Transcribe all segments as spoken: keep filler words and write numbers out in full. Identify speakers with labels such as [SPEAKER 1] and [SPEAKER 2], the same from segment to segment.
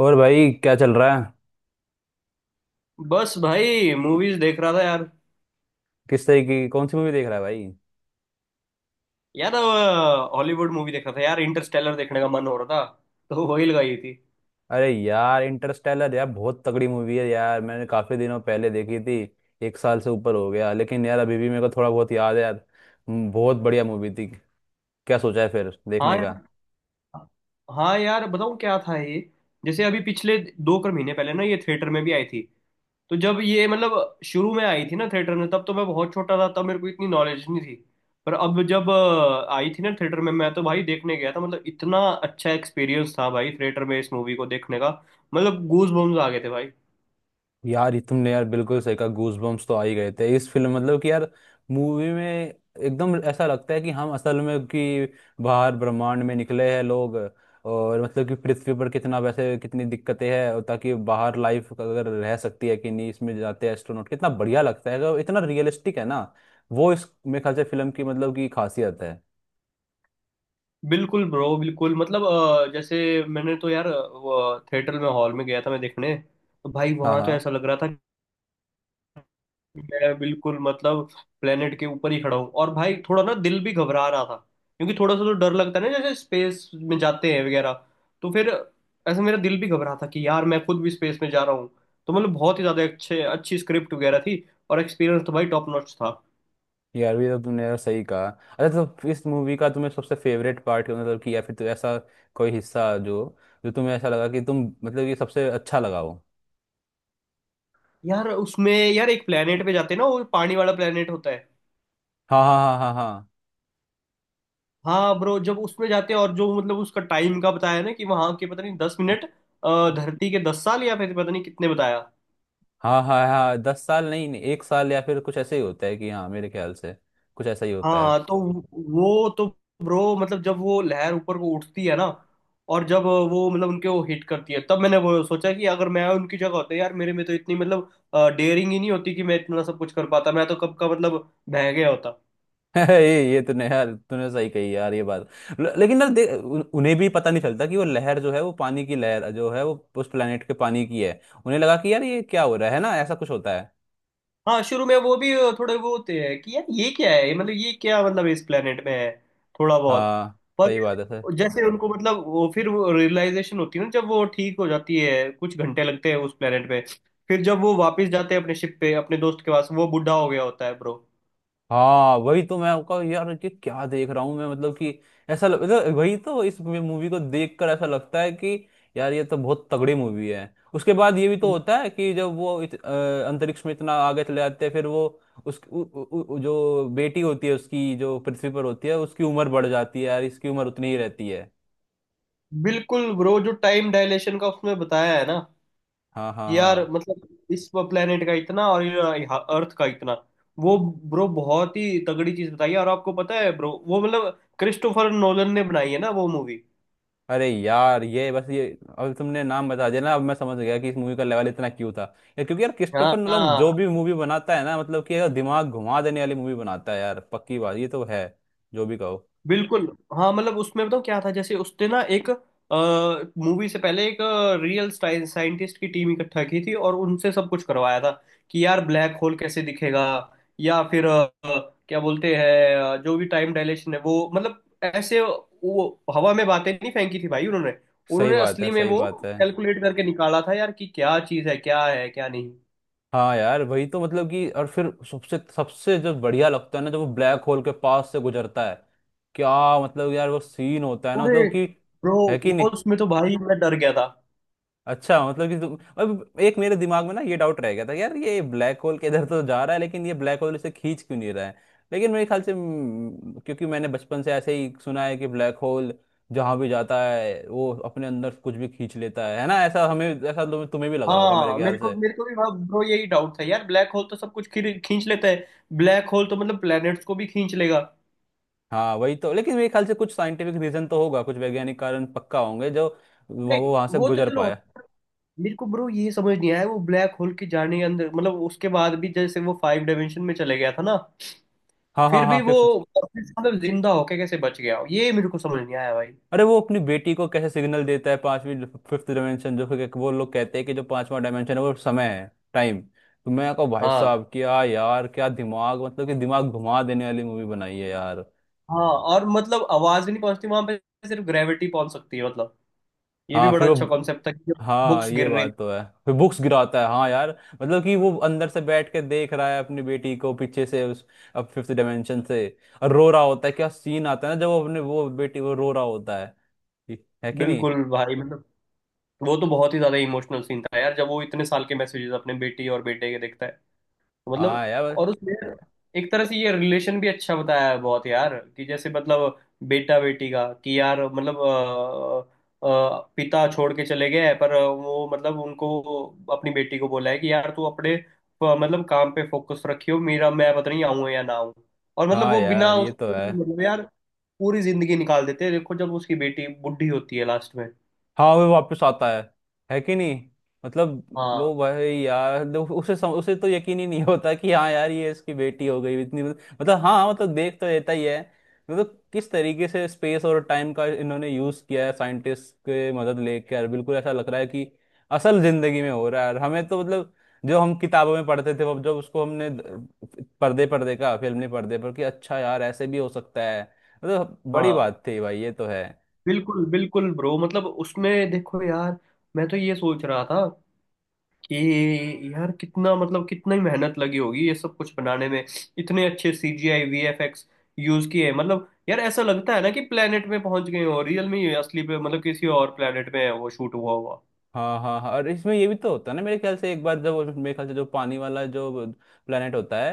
[SPEAKER 1] और भाई क्या चल रहा है?
[SPEAKER 2] बस भाई मूवीज देख रहा था यार।
[SPEAKER 1] किस तरीके की कौन सी मूवी देख रहा है भाई?
[SPEAKER 2] यार हॉलीवुड मूवी देख रहा था यार, इंटरस्टेलर देखने का मन हो रहा था, तो वही लगाई थी।
[SPEAKER 1] अरे यार इंटरस्टेलर यार बहुत तगड़ी मूवी है यार मैंने काफी दिनों पहले देखी थी। एक साल से ऊपर हो गया लेकिन यार अभी भी मेरे को थोड़ा बहुत याद है यार। हम्म, बहुत बढ़िया मूवी थी। क्या सोचा है फिर
[SPEAKER 2] हाँ
[SPEAKER 1] देखने का?
[SPEAKER 2] यार। हाँ यार, बताऊँ क्या था ये। जैसे अभी पिछले दो कर महीने पहले ना ये थिएटर में भी आई थी। तो जब ये मतलब शुरू में आई थी ना थिएटर में, तब तो मैं बहुत छोटा था, तब मेरे को इतनी नॉलेज नहीं थी। पर अब जब अ, आई थी ना थिएटर में, मैं तो भाई देखने गया था, मतलब इतना अच्छा एक्सपीरियंस था भाई थिएटर में इस मूवी को देखने का। मतलब गूज बम्स आ गए थे भाई।
[SPEAKER 1] यार ये तुमने यार बिल्कुल सही कहा, गूज बम्स तो आ ही गए थे इस फिल्म मतलब कि यार मूवी में। एकदम ऐसा लगता है कि हम असल में कि बाहर ब्रह्मांड में निकले हैं लोग। और मतलब कि पृथ्वी पर कितना वैसे कितनी दिक्कतें हैं और ताकि बाहर लाइफ अगर रह सकती है कि नहीं, इसमें जाते हैं एस्ट्रोनॉट कितना बढ़िया लगता है अगर इतना रियलिस्टिक है ना। वो इस मेरे ख्याल से फिल्म की मतलब की खासियत है।
[SPEAKER 2] बिल्कुल ब्रो, बिल्कुल मतलब अ, जैसे मैंने तो यार अ, वो थिएटर में हॉल में गया था मैं देखने। तो भाई
[SPEAKER 1] हाँ,
[SPEAKER 2] वहां तो
[SPEAKER 1] हाँ।
[SPEAKER 2] ऐसा लग रहा था कि मैं बिल्कुल मतलब प्लेनेट के ऊपर ही खड़ा हूँ, और भाई थोड़ा ना दिल भी घबरा रहा था, क्योंकि थोड़ा सा तो डर लगता है ना जैसे स्पेस में जाते हैं वगैरह। तो फिर ऐसे मेरा दिल भी घबरा था कि यार मैं खुद भी स्पेस में जा रहा हूँ। तो मतलब बहुत ही ज्यादा अच्छे अच्छी स्क्रिप्ट वगैरह थी, और एक्सपीरियंस तो भाई टॉप नॉच था।
[SPEAKER 1] यार भी तो तुमने यार सही कहा। अच्छा तो इस मूवी का तुम्हें सबसे फेवरेट पार्ट क्या मतलब कि या फिर तो ऐसा कोई हिस्सा जो जो तुम्हें ऐसा लगा कि तुम मतलब ये सबसे अच्छा लगा हो?
[SPEAKER 2] यार उसमें यार एक प्लेनेट पे जाते हैं ना, वो पानी वाला प्लेनेट होता है।
[SPEAKER 1] हाँ, हाँ, हाँ, हाँ,
[SPEAKER 2] हाँ ब्रो, जब उसमें जाते हैं और जो मतलब उसका टाइम का बताया ना कि वहां के पता नहीं दस मिनट, अ, धरती के दस साल या फिर पता नहीं कितने बताया।
[SPEAKER 1] हाँ, हाँ, हाँ, हाँ, दस साल नहीं नहीं एक साल या फिर कुछ ऐसे ही होता है कि हाँ मेरे ख्याल से कुछ ऐसा ही होता है।
[SPEAKER 2] हाँ तो वो तो ब्रो मतलब जब वो लहर ऊपर को उठती है ना, और जब वो मतलब उनके वो हिट करती है, तब मैंने वो सोचा कि अगर मैं उनकी जगह होता यार, मेरे में तो इतनी मतलब डेयरिंग ही नहीं होती कि मैं इतना सब कुछ कर पाता। मैं तो कब का मतलब बह गया होता।
[SPEAKER 1] ये ये तूने यार तूने सही कही यार ये बात। ल- लेकिन यार देख उन- उन्हें भी पता नहीं चलता कि वो लहर जो है वो पानी की लहर जो है वो उस प्लेनेट के पानी की है। उन्हें लगा कि यार ये क्या हो रहा है ना ऐसा कुछ होता है।
[SPEAKER 2] हाँ शुरू में वो भी थोड़े वो होते हैं कि यार ये क्या है, मतलब ये क्या मतलब इस planet में है, थोड़ा बहुत।
[SPEAKER 1] हाँ सही बात है।
[SPEAKER 2] पर जैसे उनको मतलब वो फिर वो रियलाइजेशन होती है ना, जब वो ठीक हो जाती है, कुछ घंटे लगते हैं उस planet पे। फिर जब वो वापस जाते हैं अपने शिप पे अपने दोस्त के पास, वो बूढ़ा हो गया होता है ब्रो।
[SPEAKER 1] हाँ वही तो मैं आपका यार कि क्या देख रहा हूँ मैं मतलब कि ऐसा लग, तो वही तो इस मूवी को देखकर ऐसा लगता है कि यार ये तो बहुत तगड़ी मूवी है। उसके बाद ये भी तो होता है कि जब वो इत, अ, अंतरिक्ष में इतना आगे चले जाते हैं फिर वो उस उ, उ, उ, जो बेटी होती है उसकी जो पृथ्वी पर होती है उसकी उम्र बढ़ जाती है यार इसकी उम्र उतनी ही रहती है।
[SPEAKER 2] बिल्कुल ब्रो, जो टाइम डायलेशन का उसमें बताया है ना,
[SPEAKER 1] हाँ, हाँ,
[SPEAKER 2] यार
[SPEAKER 1] हाँ।
[SPEAKER 2] मतलब इस प्लेनेट का इतना और अर्थ का इतना वो, ब्रो बहुत ही तगड़ी चीज बताई है। और आपको पता है ब्रो वो मतलब क्रिस्टोफर नोलन ने बनाई है ना वो मूवी।
[SPEAKER 1] अरे यार ये बस ये अब तुमने नाम बता दिया ना, अब मैं समझ गया कि इस मूवी का लेवल इतना क्यों था। यार क्योंकि यार क्रिस्टोफर नोलन जो भी
[SPEAKER 2] हाँ,
[SPEAKER 1] मूवी बनाता है ना मतलब कि यार दिमाग घुमा देने वाली मूवी बनाता है यार पक्की बात ये तो है। जो भी कहो।
[SPEAKER 2] बिल्कुल। हाँ मतलब उसमें बताऊँ क्या था, जैसे उसने ना एक मूवी से पहले एक अ, रियल साइंटिस्ट की टीम इकट्ठा की थी, और उनसे सब कुछ करवाया था कि यार ब्लैक होल कैसे दिखेगा, या फिर अ, क्या बोलते हैं अ, जो भी टाइम डायलेशन है वो मतलब, ऐसे वो हवा में बातें नहीं फेंकी थी भाई उन्होंने
[SPEAKER 1] सही
[SPEAKER 2] उन्होंने
[SPEAKER 1] बात है,
[SPEAKER 2] असली में
[SPEAKER 1] सही
[SPEAKER 2] वो
[SPEAKER 1] बात है।
[SPEAKER 2] कैलकुलेट करके निकाला था यार कि क्या चीज़ है, क्या है क्या नहीं।
[SPEAKER 1] हाँ यार वही तो मतलब कि और फिर सबसे सबसे जो बढ़िया लगता है ना जब वो ब्लैक होल के पास से गुजरता है। क्या मतलब यार वो सीन होता है ना
[SPEAKER 2] अरे
[SPEAKER 1] मतलब कि
[SPEAKER 2] ब्रो,
[SPEAKER 1] है कि नहीं?
[SPEAKER 2] वो उसमें तो भाई मैं डर गया था।
[SPEAKER 1] अच्छा मतलब कि तुम, अब एक मेरे दिमाग में ना ये डाउट रह गया था यार ये ब्लैक होल के इधर तो जा रहा है लेकिन ये ब्लैक होल इसे खींच क्यों नहीं रहा है? लेकिन मेरे ख्याल से, हम्म, क्योंकि मैंने बचपन से ऐसे ही सुना है कि ब्लैक होल जहाँ भी जाता है वो अपने अंदर कुछ भी खींच लेता है है ना, ऐसा हमें ऐसा तुम्हें तुम्हें भी लग रहा होगा मेरे
[SPEAKER 2] हाँ मेरे
[SPEAKER 1] ख्याल
[SPEAKER 2] को
[SPEAKER 1] से।
[SPEAKER 2] मेरे को भी ब्रो यही डाउट था यार, ब्लैक होल तो सब कुछ खींच खींच लेता है, ब्लैक होल तो मतलब प्लैनेट्स को भी खींच लेगा।
[SPEAKER 1] हाँ वही तो लेकिन मेरे ख्याल से कुछ साइंटिफिक रीजन तो होगा कुछ वैज्ञानिक कारण पक्का होंगे जो वो
[SPEAKER 2] नहीं,
[SPEAKER 1] वहां से
[SPEAKER 2] वो तो
[SPEAKER 1] गुजर
[SPEAKER 2] चलो,
[SPEAKER 1] पाया।
[SPEAKER 2] मेरे को ब्रो ये समझ नहीं आया। वो ब्लैक होल के जाने के अंदर मतलब उसके बाद भी जैसे वो फाइव डायमेंशन में चले गया था ना,
[SPEAKER 1] हाँ, हाँ,
[SPEAKER 2] फिर
[SPEAKER 1] हाँ,
[SPEAKER 2] भी वो
[SPEAKER 1] फिफ्थ।
[SPEAKER 2] वापस मतलब जिंदा होके कैसे बच गया, ये मेरे को समझ नहीं आया भाई।
[SPEAKER 1] अरे वो अपनी बेटी को कैसे सिग्नल देता है पांचवी फिफ्थ डायमेंशन जो कि वो लोग कहते हैं कि जो पांचवा डायमेंशन है वो समय है टाइम तो मैं कहूँ भाई
[SPEAKER 2] हाँ
[SPEAKER 1] साहब क्या यार क्या दिमाग मतलब कि दिमाग घुमा देने वाली मूवी बनाई है यार।
[SPEAKER 2] हाँ। और मतलब आवाज भी नहीं पहुंचती वहां पे, सिर्फ ग्रेविटी पहुंच सकती है, मतलब ये भी
[SPEAKER 1] हाँ फिर
[SPEAKER 2] बड़ा अच्छा
[SPEAKER 1] वो।
[SPEAKER 2] कॉन्सेप्ट था कि
[SPEAKER 1] हाँ
[SPEAKER 2] बुक्स
[SPEAKER 1] ये
[SPEAKER 2] गिर रही।
[SPEAKER 1] बात तो है फिर बुक्स गिराता है हाँ यार। मतलब कि वो अंदर से बैठ के देख रहा है अपनी बेटी को पीछे से उस अब फिफ्थ डायमेंशन से, और रो रहा होता है क्या सीन आता है ना जब वो अपने वो बेटी वो रो रहा होता है है कि नहीं?
[SPEAKER 2] बिल्कुल भाई मतलब वो तो बहुत ही ज्यादा इमोशनल सीन था यार, जब वो इतने साल के मैसेजेस अपने बेटी और बेटे के देखता है। तो मतलब
[SPEAKER 1] हाँ यार।
[SPEAKER 2] और उसमें एक तरह से ये रिलेशन भी अच्छा बताया है बहुत यार, कि जैसे मतलब बेटा बेटी का, कि यार मतलब अ, अ, पिता छोड़ के चले गए हैं, पर वो मतलब उनको अपनी बेटी को बोला है कि यार तू अपने प- मतलब काम पे फोकस रखियो, मेरा मैं पता नहीं आऊं या ना आऊं। और मतलब
[SPEAKER 1] हाँ
[SPEAKER 2] वो बिना
[SPEAKER 1] यार ये तो है।
[SPEAKER 2] उसकी मतलब यार पूरी जिंदगी निकाल देते हैं, देखो जब उसकी बेटी बुढ़ी होती है लास्ट में।
[SPEAKER 1] हाँ वो वापस आता है है कि नहीं? मतलब
[SPEAKER 2] हाँ
[SPEAKER 1] वो भाई यार दो- उसे सम, उसे तो यकीन ही नहीं होता कि हाँ यार ये इसकी बेटी हो गई इतनी मतलब हाँ मतलब देख तो रहता ही है। मतलब किस तरीके से स्पेस और टाइम का इन्होंने यूज किया है साइंटिस्ट के मदद लेकर बिल्कुल ऐसा लग रहा है कि असल जिंदगी में हो रहा है और हमें तो मतलब जो हम किताबों में पढ़ते थे वो- जब उसको हमने द- पर्दे पर देखा फिल्म ने पर्दे पर कि अच्छा यार ऐसे भी हो सकता है मतलब बड़ी
[SPEAKER 2] हाँ।
[SPEAKER 1] बात थी भाई ये तो है।
[SPEAKER 2] बिल्कुल बिल्कुल ब्रो, मतलब उसमें देखो यार मैं तो ये सोच रहा था कि यार कितना मतलब कितना ही मेहनत लगी होगी ये सब कुछ बनाने में, इतने अच्छे सी जी आई वी एफ एक्स यूज किए हैं। मतलब यार ऐसा लगता है ना कि प्लेनेट में पहुंच गए हो रियल में ही, असली पे मतलब किसी और प्लेनेट में है वो शूट हुआ हुआ।
[SPEAKER 1] हाँ, हाँ, हाँ, और इसमें ये भी तो होता है ना मेरे ख्याल से एक बार जब वो- मेरे ख्याल से जो पानी वाला जो प्लेनेट होता है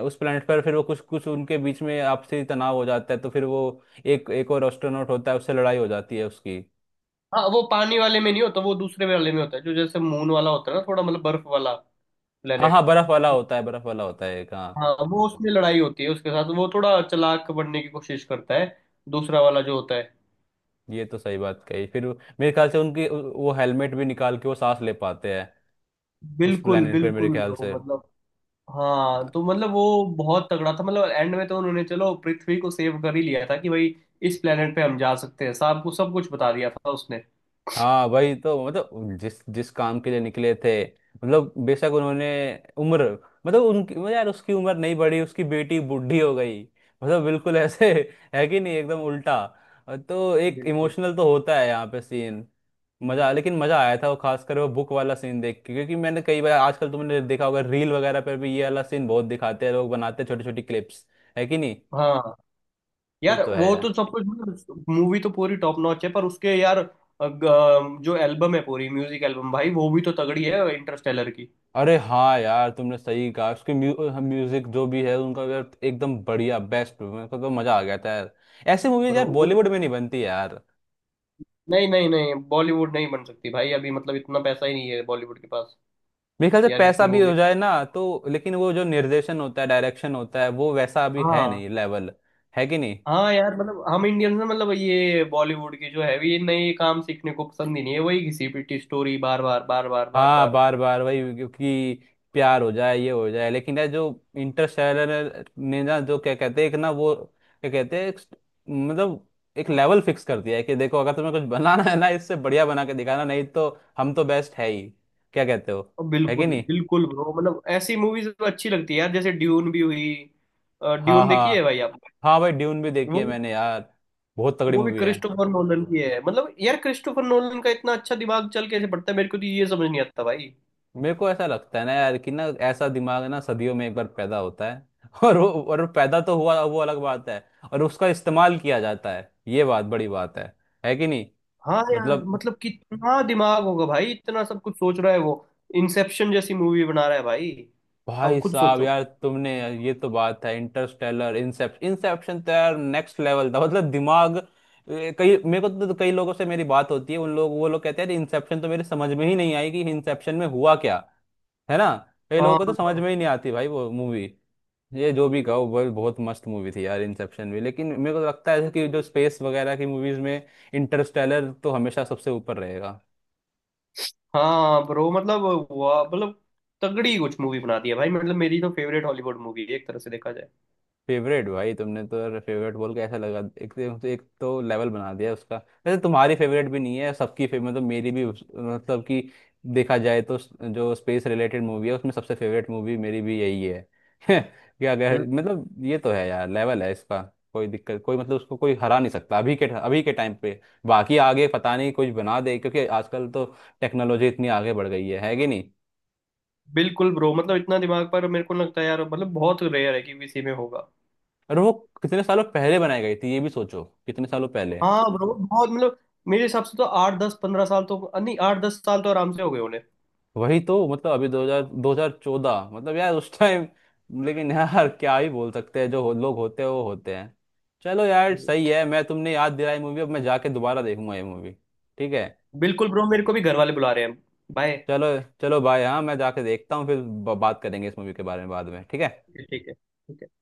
[SPEAKER 1] अ, उस प्लेनेट पर फिर वो कुछ कुछ उनके बीच में आपसी तनाव हो जाता है तो फिर वो एक एक और एस्ट्रोनॉट होता है उससे लड़ाई हो जाती है उसकी।
[SPEAKER 2] हाँ, वो पानी वाले में नहीं होता, वो दूसरे वाले में होता है जो जैसे मून वाला होता है ना, थोड़ा मतलब बर्फ वाला
[SPEAKER 1] हाँ,
[SPEAKER 2] प्लेनेट।
[SPEAKER 1] हाँ, बर्फ वाला होता है, बर्फ वाला होता है, एक हाँ।
[SPEAKER 2] हाँ वो उसमें लड़ाई होती है उसके साथ, वो थोड़ा चालाक बनने की कोशिश करता है, दूसरा वाला जो होता है।
[SPEAKER 1] ये तो सही बात कही फिर वो- मेरे ख्याल से उनकी उ- वो हेलमेट भी निकाल के वो सांस ले पाते हैं उस
[SPEAKER 2] बिल्कुल
[SPEAKER 1] प्लेनेट पे मेरे
[SPEAKER 2] बिल्कुल
[SPEAKER 1] ख्याल
[SPEAKER 2] ब्रो
[SPEAKER 1] से।
[SPEAKER 2] मतलब। हाँ तो मतलब वो बहुत तगड़ा था, मतलब एंड में तो उन्होंने चलो पृथ्वी को सेव कर ही लिया था, कि भाई इस प्लेनेट पे हम जा सकते हैं, साहब को सब कुछ बता दिया था उसने।
[SPEAKER 1] हाँ वही तो मतलब जिस जिस काम के लिए निकले थे मतलब बेशक उन्होंने उम्र मतलब उनकी मतलब यार उसकी उम्र नहीं बढ़ी उसकी बेटी बूढ़ी हो गई मतलब बिल्कुल ऐसे है कि नहीं एकदम उल्टा। तो एक
[SPEAKER 2] बिल्कुल।
[SPEAKER 1] इमोशनल तो होता है यहाँ पे सीन। मजा लेकिन मजा आया था वो खासकर वो बुक वाला सीन देख के क्योंकि मैंने कई बार आजकल तुमने देखा होगा रील वगैरह पर भी ये वाला सीन बहुत दिखाते हैं लोग बनाते हैं छोटी छोटी क्लिप्स, है कि नहीं?
[SPEAKER 2] हाँ
[SPEAKER 1] ये
[SPEAKER 2] यार
[SPEAKER 1] तो
[SPEAKER 2] वो
[SPEAKER 1] है।
[SPEAKER 2] तो सब कुछ मतलब मूवी तो पूरी टॉप नॉच है, पर उसके यार अग- जो एल्बम है पूरी म्यूजिक एल्बम भाई वो भी तो तगड़ी है इंटरस्टेलर की।
[SPEAKER 1] अरे हाँ यार तुमने सही कहा उसकी म्यू, म्यूजिक जो भी है उनका यार एकदम बढ़िया बेस्ट मेरे को तो मजा आ गया था यार। ऐसी मूवीज
[SPEAKER 2] ब्रो
[SPEAKER 1] यार
[SPEAKER 2] वो
[SPEAKER 1] बॉलीवुड में नहीं बनती यार।
[SPEAKER 2] नहीं नहीं नहीं, बॉलीवुड नहीं बन सकती भाई अभी, मतलब इतना पैसा ही नहीं है बॉलीवुड के पास।
[SPEAKER 1] मेरे ख्याल से
[SPEAKER 2] यार
[SPEAKER 1] पैसा
[SPEAKER 2] इतनी
[SPEAKER 1] भी
[SPEAKER 2] मूवी।
[SPEAKER 1] हो जाए ना तो लेकिन वो जो निर्देशन होता है डायरेक्शन होता है वो वैसा अभी है
[SPEAKER 2] हाँ
[SPEAKER 1] नहीं लेवल, है कि नहीं?
[SPEAKER 2] हाँ यार मतलब हम इंडियंस ना, मतलब ये बॉलीवुड के जो है ये नए काम सीखने को पसंद ही नहीं है, वही घिसी पिटी स्टोरी बार बार बार बार बार
[SPEAKER 1] हाँ
[SPEAKER 2] बार।
[SPEAKER 1] बार बार वही क्योंकि प्यार हो जाए ये हो जाए लेकिन यार जो इंटरस्टेलर ने ना जो क्या कहते हैं एक ना वो क्या कहते हैं एक स्ट- मतलब एक लेवल फिक्स कर दिया है कि देखो अगर तुम्हें कुछ बनाना है ना इससे बढ़िया बना के दिखाना नहीं तो हम तो बेस्ट है ही। क्या कहते हो?
[SPEAKER 2] और
[SPEAKER 1] है कि
[SPEAKER 2] बिल्कुल
[SPEAKER 1] नहीं?
[SPEAKER 2] बिल्कुल ब्रो, मतलब ऐसी मूवीज अच्छी लगती है यार, जैसे ड्यून भी हुई।
[SPEAKER 1] हाँ,
[SPEAKER 2] ड्यून देखी है
[SPEAKER 1] हाँ।
[SPEAKER 2] भाई आप?
[SPEAKER 1] हाँ भाई ड्यून भी देखी
[SPEAKER 2] वो
[SPEAKER 1] है मैंने यार बहुत तगड़ी
[SPEAKER 2] वो भी
[SPEAKER 1] मूवी है।
[SPEAKER 2] क्रिस्टोफर नोलन की है, मतलब यार क्रिस्टोफर नोलन का इतना अच्छा दिमाग चल कैसे पड़ता है, मेरे को तो ये समझ नहीं आता भाई।
[SPEAKER 1] मेरे को ऐसा लगता है ना यार कि ना ऐसा दिमाग ना सदियों में एक बार पैदा होता है और वो और वो पैदा तो हुआ वो अलग बात है और उसका इस्तेमाल किया जाता है ये बात बड़ी बात है है कि नहीं?
[SPEAKER 2] हाँ यार
[SPEAKER 1] मतलब
[SPEAKER 2] मतलब कितना दिमाग होगा भाई, इतना सब कुछ सोच रहा है वो, इंसेप्शन जैसी मूवी बना रहा है भाई, अब
[SPEAKER 1] भाई
[SPEAKER 2] खुद
[SPEAKER 1] साहब
[SPEAKER 2] सोचो।
[SPEAKER 1] यार तुमने ये तो बात है इंटरस्टेलर इंसेप्शन इंसेप्शन तो यार नेक्स्ट लेवल था मतलब दिमाग। ए, कई मेरे को तो तो कई लोगों से मेरी बात होती है उन लोग वो लोग कहते हैं इंसेप्शन तो मेरे समझ में ही नहीं आई कि इंसेप्शन में हुआ क्या, है ना? कई लोगों
[SPEAKER 2] हाँ
[SPEAKER 1] को तो समझ में ही नहीं आती भाई वो मूवी। ये जो भी कहो वो बहुत मस्त मूवी थी यार इंसेप्शन भी लेकिन मेरे को तो लगता है कि जो स्पेस वगैरह की मूवीज में इंटरस्टेलर तो हमेशा सबसे ऊपर रहेगा।
[SPEAKER 2] हाँ ब्रो मतलब हुआ मतलब तगड़ी कुछ मूवी बना दी है भाई, मतलब मेरी तो फेवरेट हॉलीवुड मूवी है एक तरह से देखा जाए।
[SPEAKER 1] फेवरेट भाई तुमने तो यार फेवरेट बोल के ऐसा लगा एक तो एक तो लेवल बना दिया उसका। वैसे तुम्हारी फेवरेट भी नहीं है सबकी फेवरेट मतलब मेरी भी उस- मतलब कि देखा जाए तो स- जो स्पेस रिलेटेड मूवी है उसमें सबसे फेवरेट मूवी मेरी भी यही है। क्या कह
[SPEAKER 2] हम्म।
[SPEAKER 1] मतलब ये तो है यार लेवल है इसका। कोई दिक्कत कोई मतलब उसको कोई हरा नहीं सकता अभी के अभी के टाइम पे। बाकी आगे पता नहीं कुछ बना दे क्योंकि आजकल तो टेक्नोलॉजी इतनी आगे बढ़ गई है है कि नहीं?
[SPEAKER 2] बिल्कुल ब्रो, मतलब इतना दिमाग, पर मेरे को लगता है यार मतलब बहुत रेयर है कि किसी में होगा।
[SPEAKER 1] और वो कितने सालों पहले बनाई गई थी ये भी सोचो कितने सालों पहले।
[SPEAKER 2] हाँ ब्रो बहुत मतलब मेरे हिसाब से तो आठ दस पंद्रह साल तो नहीं, आठ दस साल तो आराम से हो गए उन्हें।
[SPEAKER 1] वही तो मतलब अभी दो हज़ार दो हज़ार चौदह मतलब यार उस टाइम। लेकिन यार क्या ही बोल सकते हैं जो हो- लोग होते हैं वो होते हैं। चलो यार सही
[SPEAKER 2] हम्म।
[SPEAKER 1] है मैं तुमने याद दिलाई मूवी अब मैं जाके दोबारा देखूंगा ये मूवी। ठीक है।
[SPEAKER 2] बिल्कुल ब्रो, मेरे को भी घर वाले बुला रहे हैं। बाय।
[SPEAKER 1] चलो, चलो भाई हाँ मैं जाके देखता हूँ फिर ब- बात करेंगे इस मूवी के बारे में बाद में ठीक है।
[SPEAKER 2] ठीक है। ठीक है।